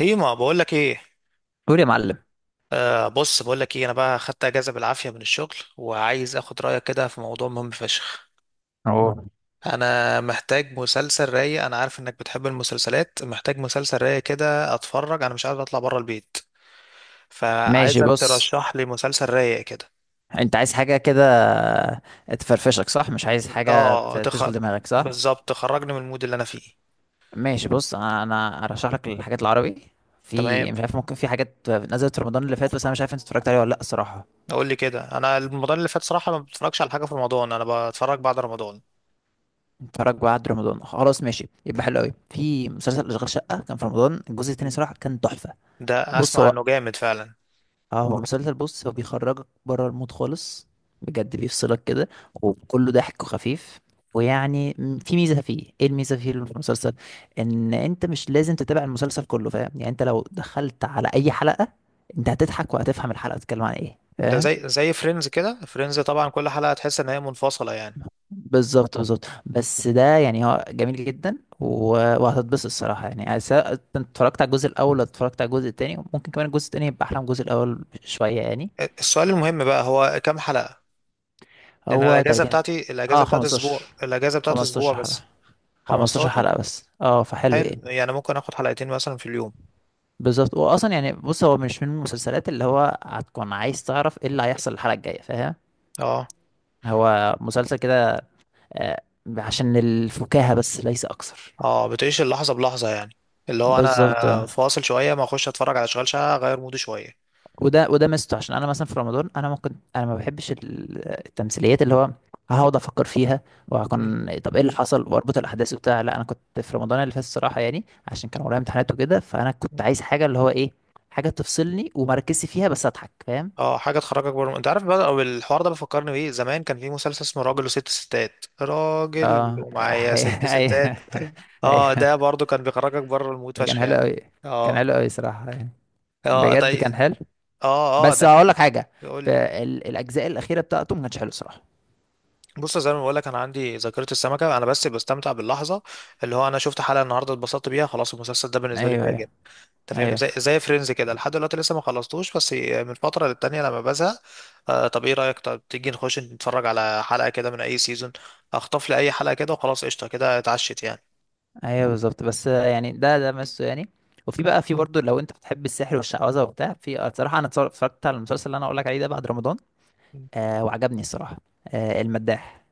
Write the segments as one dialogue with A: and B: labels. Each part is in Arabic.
A: هي ما بقول لك ايه.
B: قول يا معلم.
A: بص بقول لك ايه، انا بقى خدت اجازه بالعافيه من الشغل، وعايز اخد رايك كده في موضوع مهم فشخ.
B: اه.
A: انا محتاج مسلسل رايق، انا عارف انك بتحب المسلسلات، محتاج مسلسل رايق كده اتفرج. انا مش عارف اطلع بره البيت،
B: ماشي،
A: فعايزك
B: بص.
A: ترشح لي مسلسل رايق كده.
B: انت عايز حاجة كده تفرفشك، صح؟ مش عايز حاجة
A: اه تخ...
B: تشغل دماغك، صح؟
A: بالظبط، تخرجني من المود اللي انا فيه.
B: ماشي، بص. انا ارشح لك الحاجات العربي. في
A: تمام،
B: مش عارف، ممكن في حاجات نزلت رمضان اللي فات، بس انا مش عارف انت اتفرجت عليها ولا لا الصراحة.
A: اقول لي كده. انا رمضان اللي فات صراحه ما بتفرجش على حاجه في رمضان، انا بتفرج بعد رمضان.
B: اتفرج بعد رمضان، خلاص ماشي، يبقى حلو قوي. في مسلسل اشغال شقة كان في رمضان، الجزء التاني صراحة كان تحفة.
A: ده
B: بص،
A: اسمع
B: هو
A: انه جامد فعلا.
B: اه هو مسلسل، بص هو بيخرجك بره المود خالص، بجد بيفصلك كده. وكله ضحك وخفيف. ويعني في ميزة فيه، ايه الميزة فيه اللي في المسلسل؟ ان انت مش لازم تتابع المسلسل كله، فاهم؟ يعني انت لو دخلت على اي حلقة، انت هتضحك وهتفهم الحلقة بتتكلم عن ايه،
A: ده
B: فاهم؟
A: زي فريندز كده. فريندز طبعا كل حلقة تحس ان هي منفصلة يعني.
B: بالظبط بالظبط. بس ده يعني هو جميل جدا وهتتبسط الصراحة، يعني يعني سواء انت اتفرجت على الجزء الاول ولا اتفرجت على الجزء التاني، ممكن كمان الجزء التاني يبقى احلى من الجزء الاول شوية يعني.
A: السؤال المهم بقى هو كام حلقة؟ لان
B: هو
A: الاجازة
B: 30.
A: بتاعتي، الاجازة
B: اه،
A: بتاعت
B: 15.
A: اسبوع، الاجازة بتاعت اسبوع
B: 15 حلقة،
A: بس.
B: 15
A: 15.
B: حلقة بس، اه فحلو
A: حلو
B: يعني.
A: يعني، ممكن اخد حلقتين مثلا في اليوم.
B: بالظبط. هو اصلا يعني، بص، هو مش من المسلسلات اللي هو هتكون عايز تعرف ايه اللي هيحصل الحلقة الجاية، فاهم؟
A: اه.
B: هو مسلسل كده، آه، عشان الفكاهة بس ليس اكثر.
A: اه، بتعيش اللحظة بلحظة يعني. اللي هو
B: بالظبط.
A: انا فاصل شوية، ما اخش اتفرج على اشغال شقة، اغير مودي شوية.
B: وده ميزته، عشان انا مثلا في رمضان انا ممكن، انا ما بحبش التمثيليات اللي هو هقعد افكر فيها، وهكون طب ايه اللي حصل واربط الاحداث وبتاع. لا، انا كنت في رمضان اللي فات الصراحه يعني، عشان كان ورايا امتحانات وكده، فانا كنت
A: مم.
B: عايز حاجه اللي هو ايه، حاجه تفصلني وما ركزش فيها بس اضحك، فاهم؟
A: اه، حاجه تخرجك بره، انت عارف بقى. أو الحوار ده بيفكرني بايه؟ زمان كان في مسلسل اسمه راجل وست ستات، راجل
B: اه،
A: ومعايا ست
B: ايوه
A: ستات. اه،
B: ايوه.
A: ده برضو كان بيخرجك بره المود
B: ده
A: فشخ
B: كان حلو
A: يعني.
B: قوي. كان
A: اه.
B: حلو قوي صراحه يعني.
A: اه،
B: بجد
A: طيب.
B: كان حلو.
A: اه اه
B: بس
A: ده
B: هقول
A: ك-
B: لك حاجه،
A: قول
B: في
A: لي.
B: الاجزاء الاخيره بتاعته ما كانتش حلو صراحه.
A: بص، زي ما بقول لك، انا عندي ذاكره السمكه، انا بس بستمتع باللحظه. اللي هو انا شفت حلقه النهارده، اتبسطت بيها خلاص. المسلسل ده بالنسبه لي
B: ايوه،
A: فاجر.
B: ايوه
A: انت فاهمني،
B: ايوه
A: زي فريندز كده، لحد دلوقتي لسه ما خلصتوش، بس من فتره للتانيه لما بزهق. آه، طب ايه رايك؟ طب تيجي نخش نتفرج على حلقه كده من اي سيزون؟ اخطف لي اي حلقه كده وخلاص، قشطه، كده اتعشت يعني.
B: ايوه. بالظبط. بس يعني ده ميزته يعني. وفي بقى، في برضه لو انت بتحب السحر والشعوذه وبتاع، في بصراحه انا اتفرجت على المسلسل اللي انا اقول لك عليه ده بعد رمضان. وعجبني الصراحه. آه، المداح،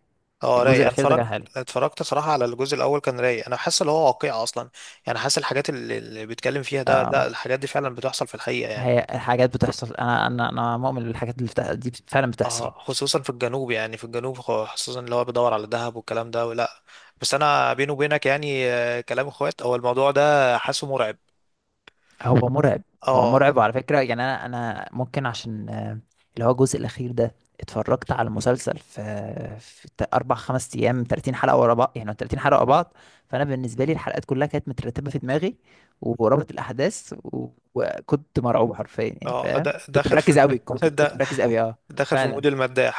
A: اه
B: الجزء
A: رايق، انا
B: الاخير ده كان
A: اتفرجت.
B: حلو.
A: اتفرجت صراحه على الجزء الاول، كان رايق. انا حاسس ان هو واقعي اصلا، يعني حاسس الحاجات اللي بيتكلم فيها ده، لا
B: آه،
A: الحاجات دي فعلا بتحصل في الحقيقه يعني.
B: هي الحاجات بتحصل، انا مؤمن بالحاجات اللي دي فعلا بتحصل.
A: اه، خصوصا في الجنوب يعني، في الجنوب خصوصا اللي هو بيدور على الذهب والكلام ده ولا. بس انا بيني وبينك يعني، كلام اخوات، هو الموضوع ده حاسه مرعب.
B: هو مرعب. هو مرعب،
A: اه.
B: وعلى فكرة يعني أنا ممكن عشان اللي هو الجزء الأخير ده اتفرجت على المسلسل في أربع خمس أيام، 30 حلقة ورا بعض، يعني 30
A: مم.
B: حلقة ورا بعض. فأنا بالنسبة لي الحلقات كلها كانت مترتبة في دماغي، ورابط الأحداث وكنت مرعوب حرفيا يعني،
A: اه
B: فاهم؟ كنت
A: داخل في.
B: مركز أوي، كنت كنت
A: د-
B: مركز أوي، أه.
A: داخل في
B: فعلا.
A: مود المداح.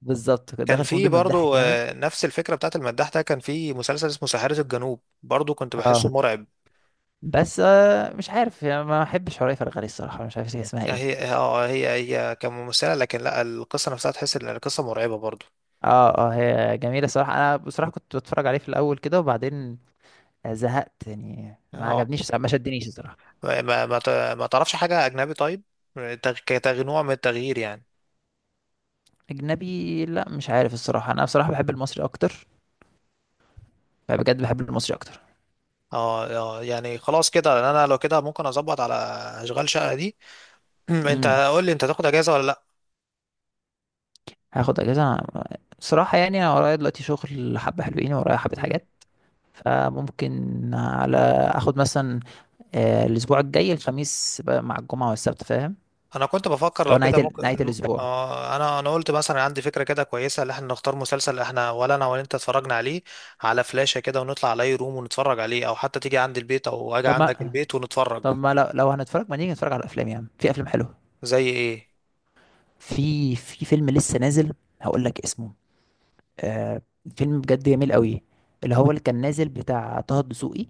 B: بالظبط، كنت
A: كان
B: داخل في مود
A: في
B: المداح
A: برضو
B: جامد.
A: نفس الفكرة بتاعت المداح، ده كان في مسلسل اسمه ساحرة الجنوب، برضو كنت بحسه
B: أه.
A: مرعب.
B: بس مش عارف يعني ما أحبش حرية فرغلي الصراحة، مش عارف هي اسمها
A: يعني
B: إيه.
A: هي اه، هي هي كممثلة، لكن لا، القصة نفسها تحس ان القصة مرعبة برضو.
B: اه اه، هي جميلة صراحة، انا بصراحة كنت بتفرج عليه في الاول كده وبعدين زهقت يعني، ما
A: اه.
B: عجبنيش ما شدنيش الصراحة.
A: ما ما ت- ما تعرفش حاجة أجنبي؟ طيب، نوع من التغيير يعني.
B: اجنبي لا، مش عارف الصراحة، انا بصراحة بحب المصري اكتر. فبجد بحب المصري اكتر.
A: اه. اه يعني خلاص كده، انا لو كده ممكن اظبط على اشغال شقة دي. انت
B: امم
A: قول لي، انت تاخد اجازة ولا لا؟
B: هاخد اجازة، الصراحة يعني انا ورايا دلوقتي شغل حبة حلوين، ورايا حبة
A: مم.
B: حاجات، فممكن على اخد مثلا الاسبوع الجاي الخميس بقى مع الجمعة والسبت، فاهم؟
A: انا كنت بفكر
B: لو
A: لو
B: نهاية
A: كده
B: نهاية
A: ممكن.
B: الاسبوع.
A: آه، انا قلت مثلا، عندي فكره كده كويسه، اللي احنا نختار مسلسل احنا، ولا انا ولا انت اتفرجنا عليه، على فلاشه كده، ونطلع على اي روم ونتفرج عليه. او حتى تيجي عندي البيت، او اجي
B: طب
A: عندك
B: ما،
A: البيت، ونتفرج.
B: لو هنتفرج، ما نيجي نتفرج على الافلام، يعني في افلام حلوة.
A: زي ايه؟
B: في فيلم لسه نازل، هقول لك اسمه، آه فيلم بجد جميل قوي، اللي هو اللي كان نازل بتاع طه الدسوقي،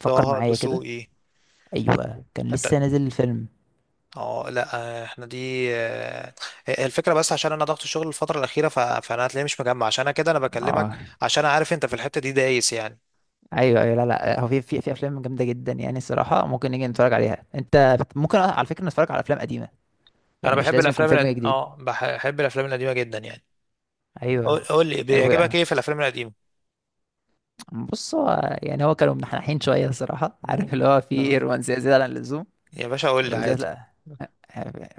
B: فكر
A: طه
B: معايا كده.
A: دسوقي؟
B: ايوه كان
A: انت.
B: لسه نازل الفيلم.
A: اه، لا. آه، احنا دي آه، هي الفكره، بس عشان انا ضغط الشغل الفتره الاخيره فانا هتلاقي مش مجمع، عشان أنا كده انا بكلمك،
B: اه،
A: عشان عارف انت في الحته دي دايس يعني.
B: ايوه ايوه. لا لا، هو في في افلام جامده جدا يعني الصراحه، ممكن نيجي نتفرج عليها. انت ممكن على فكره نتفرج على افلام قديمه،
A: انا
B: يعني مش
A: بحب
B: لازم يكون
A: الافلام
B: فيلم
A: القد...
B: جديد.
A: اه، بحب الافلام القديمه جدا يعني.
B: ايوه
A: قول لي، بيعجبك ايه
B: ايوه.
A: في الافلام القديمه؟
B: بص، هو يعني هو كانوا منحنحين شويه الصراحه،
A: مم.
B: عارف اللي هو في
A: اه.
B: رومانسيه زياده عن اللزوم.
A: يا باشا قول لي
B: بالذات
A: عادي.
B: لا.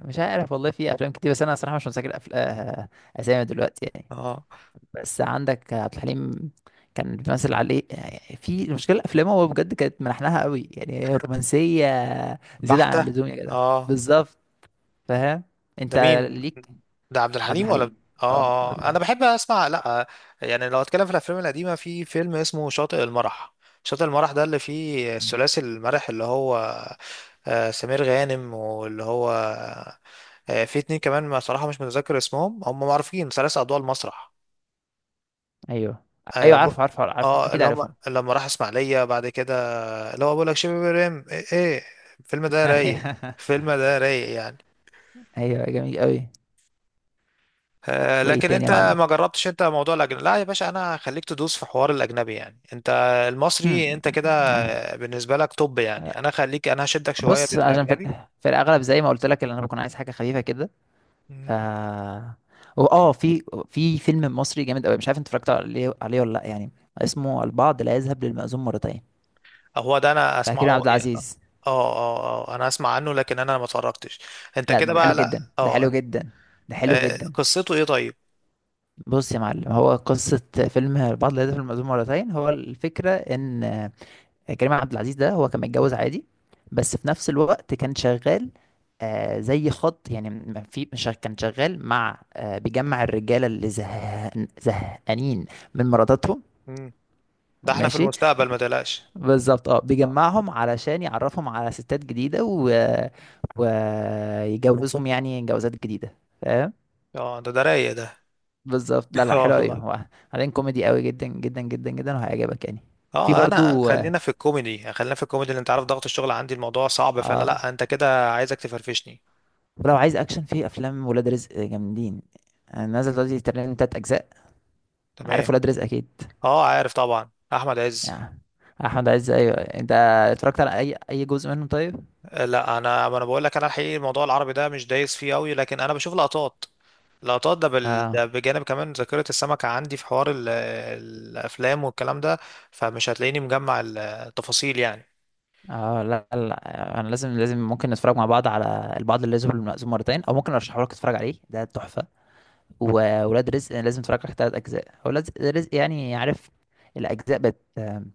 B: مش عارف والله، في افلام كتير، بس انا صراحه مش متذكر أفل... آه، اسامي دلوقتي يعني.
A: اه
B: بس عندك عبد الحليم، كان بيمثل عليه يعني، في المشكله الافلام هو بجد كانت ملحنها قوي يعني، هي رومانسيه زياده عن
A: بحتة.
B: اللزوم يا جدع.
A: اه،
B: بالظبط، فاهم؟
A: ده
B: انت
A: مين؟
B: ليك
A: ده عبد
B: عبد
A: الحليم ولا؟
B: الحليم. اه،
A: اه
B: عبد
A: اه، انا
B: الحليم.
A: بحب اسمع، لا يعني. لو اتكلم في الافلام القديمه، في فيلم اسمه شاطئ المرح. شاطئ المرح ده اللي فيه الثلاثي المرح اللي هو سمير غانم، واللي هو في اتنين كمان، ما صراحه مش متذكر اسمهم، هم معروفين، ثلاث اضواء المسرح.
B: ايوه،
A: اه
B: ايوه عارف
A: ب-
B: عارف عارف، اكيد
A: اللي هم
B: عارفهم.
A: لما راح اسماعيليه بعد كده. لو بقول لك شيبي وريم ايه إيه، الفيلم ده رايق؟ الفيلم ده رايق يعني.
B: ايوه جميل قوي.
A: آه،
B: وايه
A: لكن
B: تاني يا
A: انت
B: معلم؟
A: ما جربتش انت موضوع الاجنبي. لا يا باشا، انا هخليك تدوس في حوار الاجنبي يعني. انت
B: مم.
A: المصري، انت كده بالنسبه لك توب
B: آه.
A: يعني، انا خليك، انا هشدك شويه
B: بص عشان
A: للاجنبي.
B: في الاغلب زي ما قلت لك، اللي انا بكون عايز حاجه خفيفه كده، ف
A: مم.
B: و- اه في في فيلم مصري جامد قوي، مش عارف انت اتفرجت عليه ولا لا يعني، اسمه البعض لا يذهب للمأذون مرتين،
A: هو ده انا
B: بتاع كريم
A: اسمعه
B: عبد
A: يعني، اه
B: العزيز.
A: اه. اه، انا اسمع عنه، لكن انا ما اتفرجتش. انت
B: لا،
A: كده
B: ده حلو
A: بقى؟ لا.
B: جدا، ده حلو
A: اه،
B: جدا، ده حلو جدا.
A: قصته ايه طيب؟
B: بص يا معلم، هو قصة فيلم البعض لا يذهب للمأذون مرتين، هو الفكرة إن كريم عبد العزيز ده هو كان متجوز عادي، بس في نفس الوقت كان شغال، زي خط يعني، م- في مش- كان شغال مع بيجمع الرجاله اللي زهقانين من مراتاتهم.
A: مم. ده احنا في
B: ماشي.
A: المستقبل، ما تقلقش.
B: بالظبط، اه
A: اه.
B: بيجمعهم علشان يعرفهم على ستات جديده ويجوزهم يعني جوازات جديده، فاهم؟
A: اه ده ده رايق ده.
B: بالظبط، لا لا حلو
A: اه
B: قوي
A: والله.
B: هو. بعدين كوميدي قوي جدا جدا جدا جدا، وهيعجبك يعني. في
A: اه، انا
B: برضو
A: خلينا في الكوميدي، خلينا في الكوميدي، اللي انت عارف ضغط الشغل عندي، الموضوع صعب، فانا
B: اه،
A: لا، انت كده عايزك تفرفشني.
B: ولو عايز اكشن، في افلام ولاد رزق جامدين. أنا نازل دلوقتي تقريبا تلات اجزاء.
A: تمام.
B: عارف ولاد رزق اكيد
A: اه، عارف طبعا، احمد عز.
B: يعني، احمد عز. ايوه، انت اتفرجت على اي جزء منه طيب؟
A: لا، انا ما انا بقول لك، انا الحقيقي الموضوع العربي ده مش دايس فيه قوي، لكن انا بشوف لقطات. لقطات ده، ده
B: اه
A: بجانب كمان ذاكرة السمكة عندي في حوار الافلام والكلام ده، فمش هتلاقيني مجمع التفاصيل يعني.
B: اه، لا لا، انا لازم، لازم ممكن نتفرج مع بعض على البعض اللي لازم المأزوم مرتين، او ممكن ارشحه لك تتفرج عليه، ده تحفه. وولاد رزق أنا لازم تتفرج على تلات اجزاء ولاد رزق، يعني عارف الاجزاء بت آم،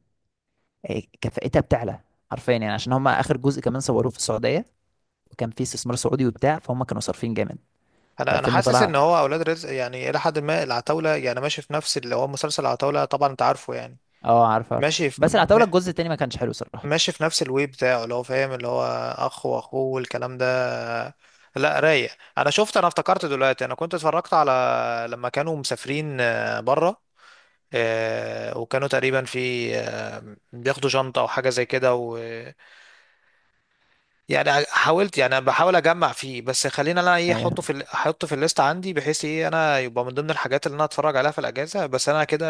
B: إيه، كفاءتها بتعلى حرفيا يعني، عشان هم اخر جزء كمان صوروه في السعوديه، وكان في استثمار سعودي وبتاع، فهم كانوا صارفين جامد،
A: انا
B: فالفيلم
A: حاسس ان
B: طلع.
A: هو اولاد رزق يعني، الى حد ما العتاولة يعني، ماشي في نفس اللي هو مسلسل العتاولة طبعا، انت عارفه يعني.
B: اه عارف عارف.
A: ماشي في
B: بس العتاولة الجزء التاني ما كانش حلو صراحة.
A: ماشي في نفس الوي بتاعه، اللي هو فاهم، اللي هو اخ واخوه والكلام ده. لا رايق. انا شفت، انا افتكرت دلوقتي، انا كنت اتفرجت على لما كانوا مسافرين بره، وكانوا تقريبا في بياخدوا شنطة او حاجة زي كده، و يعني حاولت يعني، أنا بحاول اجمع فيه، بس خلينا، انا ايه،
B: ايوه.
A: احطه في احطه في الليست عندي، بحيث ايه، انا يبقى من ضمن الحاجات اللي انا اتفرج عليها في الاجازة، بس انا كده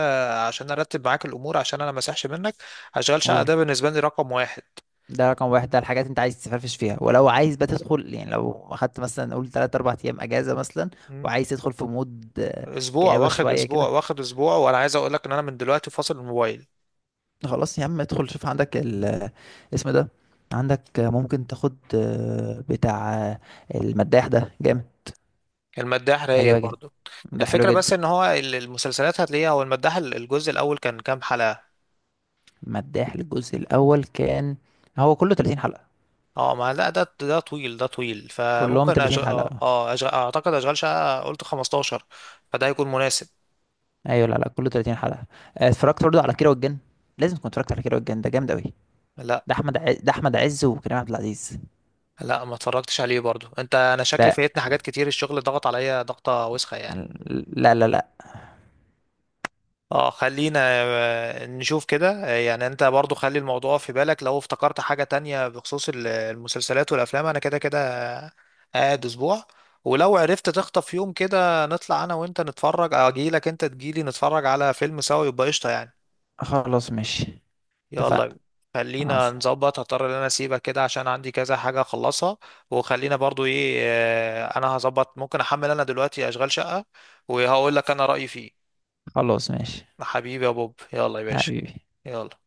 A: عشان ارتب معاك الامور، عشان انا ما اسحش منك. هشغل شقة
B: قول،
A: ده بالنسبة لي رقم واحد.
B: ده رقم واحد، ده الحاجات انت عايز تفرفش فيها. ولو عايز بقى تدخل، يعني لو اخدت مثلا، قول تلات اربع ايام اجازة مثلا، وعايز تدخل في مود
A: اسبوع،
B: كآبة
A: واخد
B: شوية
A: اسبوع،
B: كده،
A: واخد اسبوع، وانا عايز اقول لك ان انا من دلوقتي فاصل الموبايل.
B: خلاص يا عم، ادخل شوف عندك ال اسمه ده عندك، ممكن تاخد، آه، بتاع آه، المداح ده جامد،
A: المداح رايق
B: عجبك جدا،
A: برضو.
B: ده حلو
A: الفكره بس،
B: جدا.
A: ان هو المسلسلات هتلاقيها، هو المداح الجزء الاول كان كام حلقه؟
B: المداح الجزء الاول كان، هو كله 30 حلقة،
A: اه، ما لا ده ده طويل، ده طويل،
B: كلهم
A: فممكن أش...
B: 30
A: اه
B: حلقة.
A: آه، أشغ... اعتقد اشغال شقه، قلت 15، فده هيكون مناسب.
B: ايوه، لا لا كله 30 حلقه. اتفرجت برضه على كيرة والجن، لازم تكون اتفرجت على كيرة والجن، ده جامد قوي.
A: لا،
B: ده ده احمد عز وكريم عبد العزيز.
A: لا ما اتفرجتش عليه برضو، انت انا شكلي
B: لا
A: فايتني حاجات كتير، الشغل ضغط عليا ضغطه وسخه يعني.
B: لا لا لا.
A: اه، خلينا نشوف كده. يعني انت برضو خلي الموضوع في بالك، لو افتكرت حاجة تانية بخصوص المسلسلات والافلام، انا كده كده قاعد اسبوع. ولو عرفت تخطف يوم كده، نطلع انا وانت نتفرج، اجيلك، انت تجيلي، نتفرج على فيلم سوا، يبقى قشطة يعني.
B: خلاص ماشي. اتفقنا.
A: يلا. خلينا
B: عسل.
A: نظبط، هضطر ان انا اسيبك كده، عشان عندي كذا حاجة اخلصها. وخلينا برضو ايه، انا هظبط، ممكن احمل انا دلوقتي اشغال شقة، وهقول لك انا رأيي فيه.
B: خلاص ماشي.
A: حبيبي يا بوب، يلا يا باشا.
B: حبيبي.
A: يلا.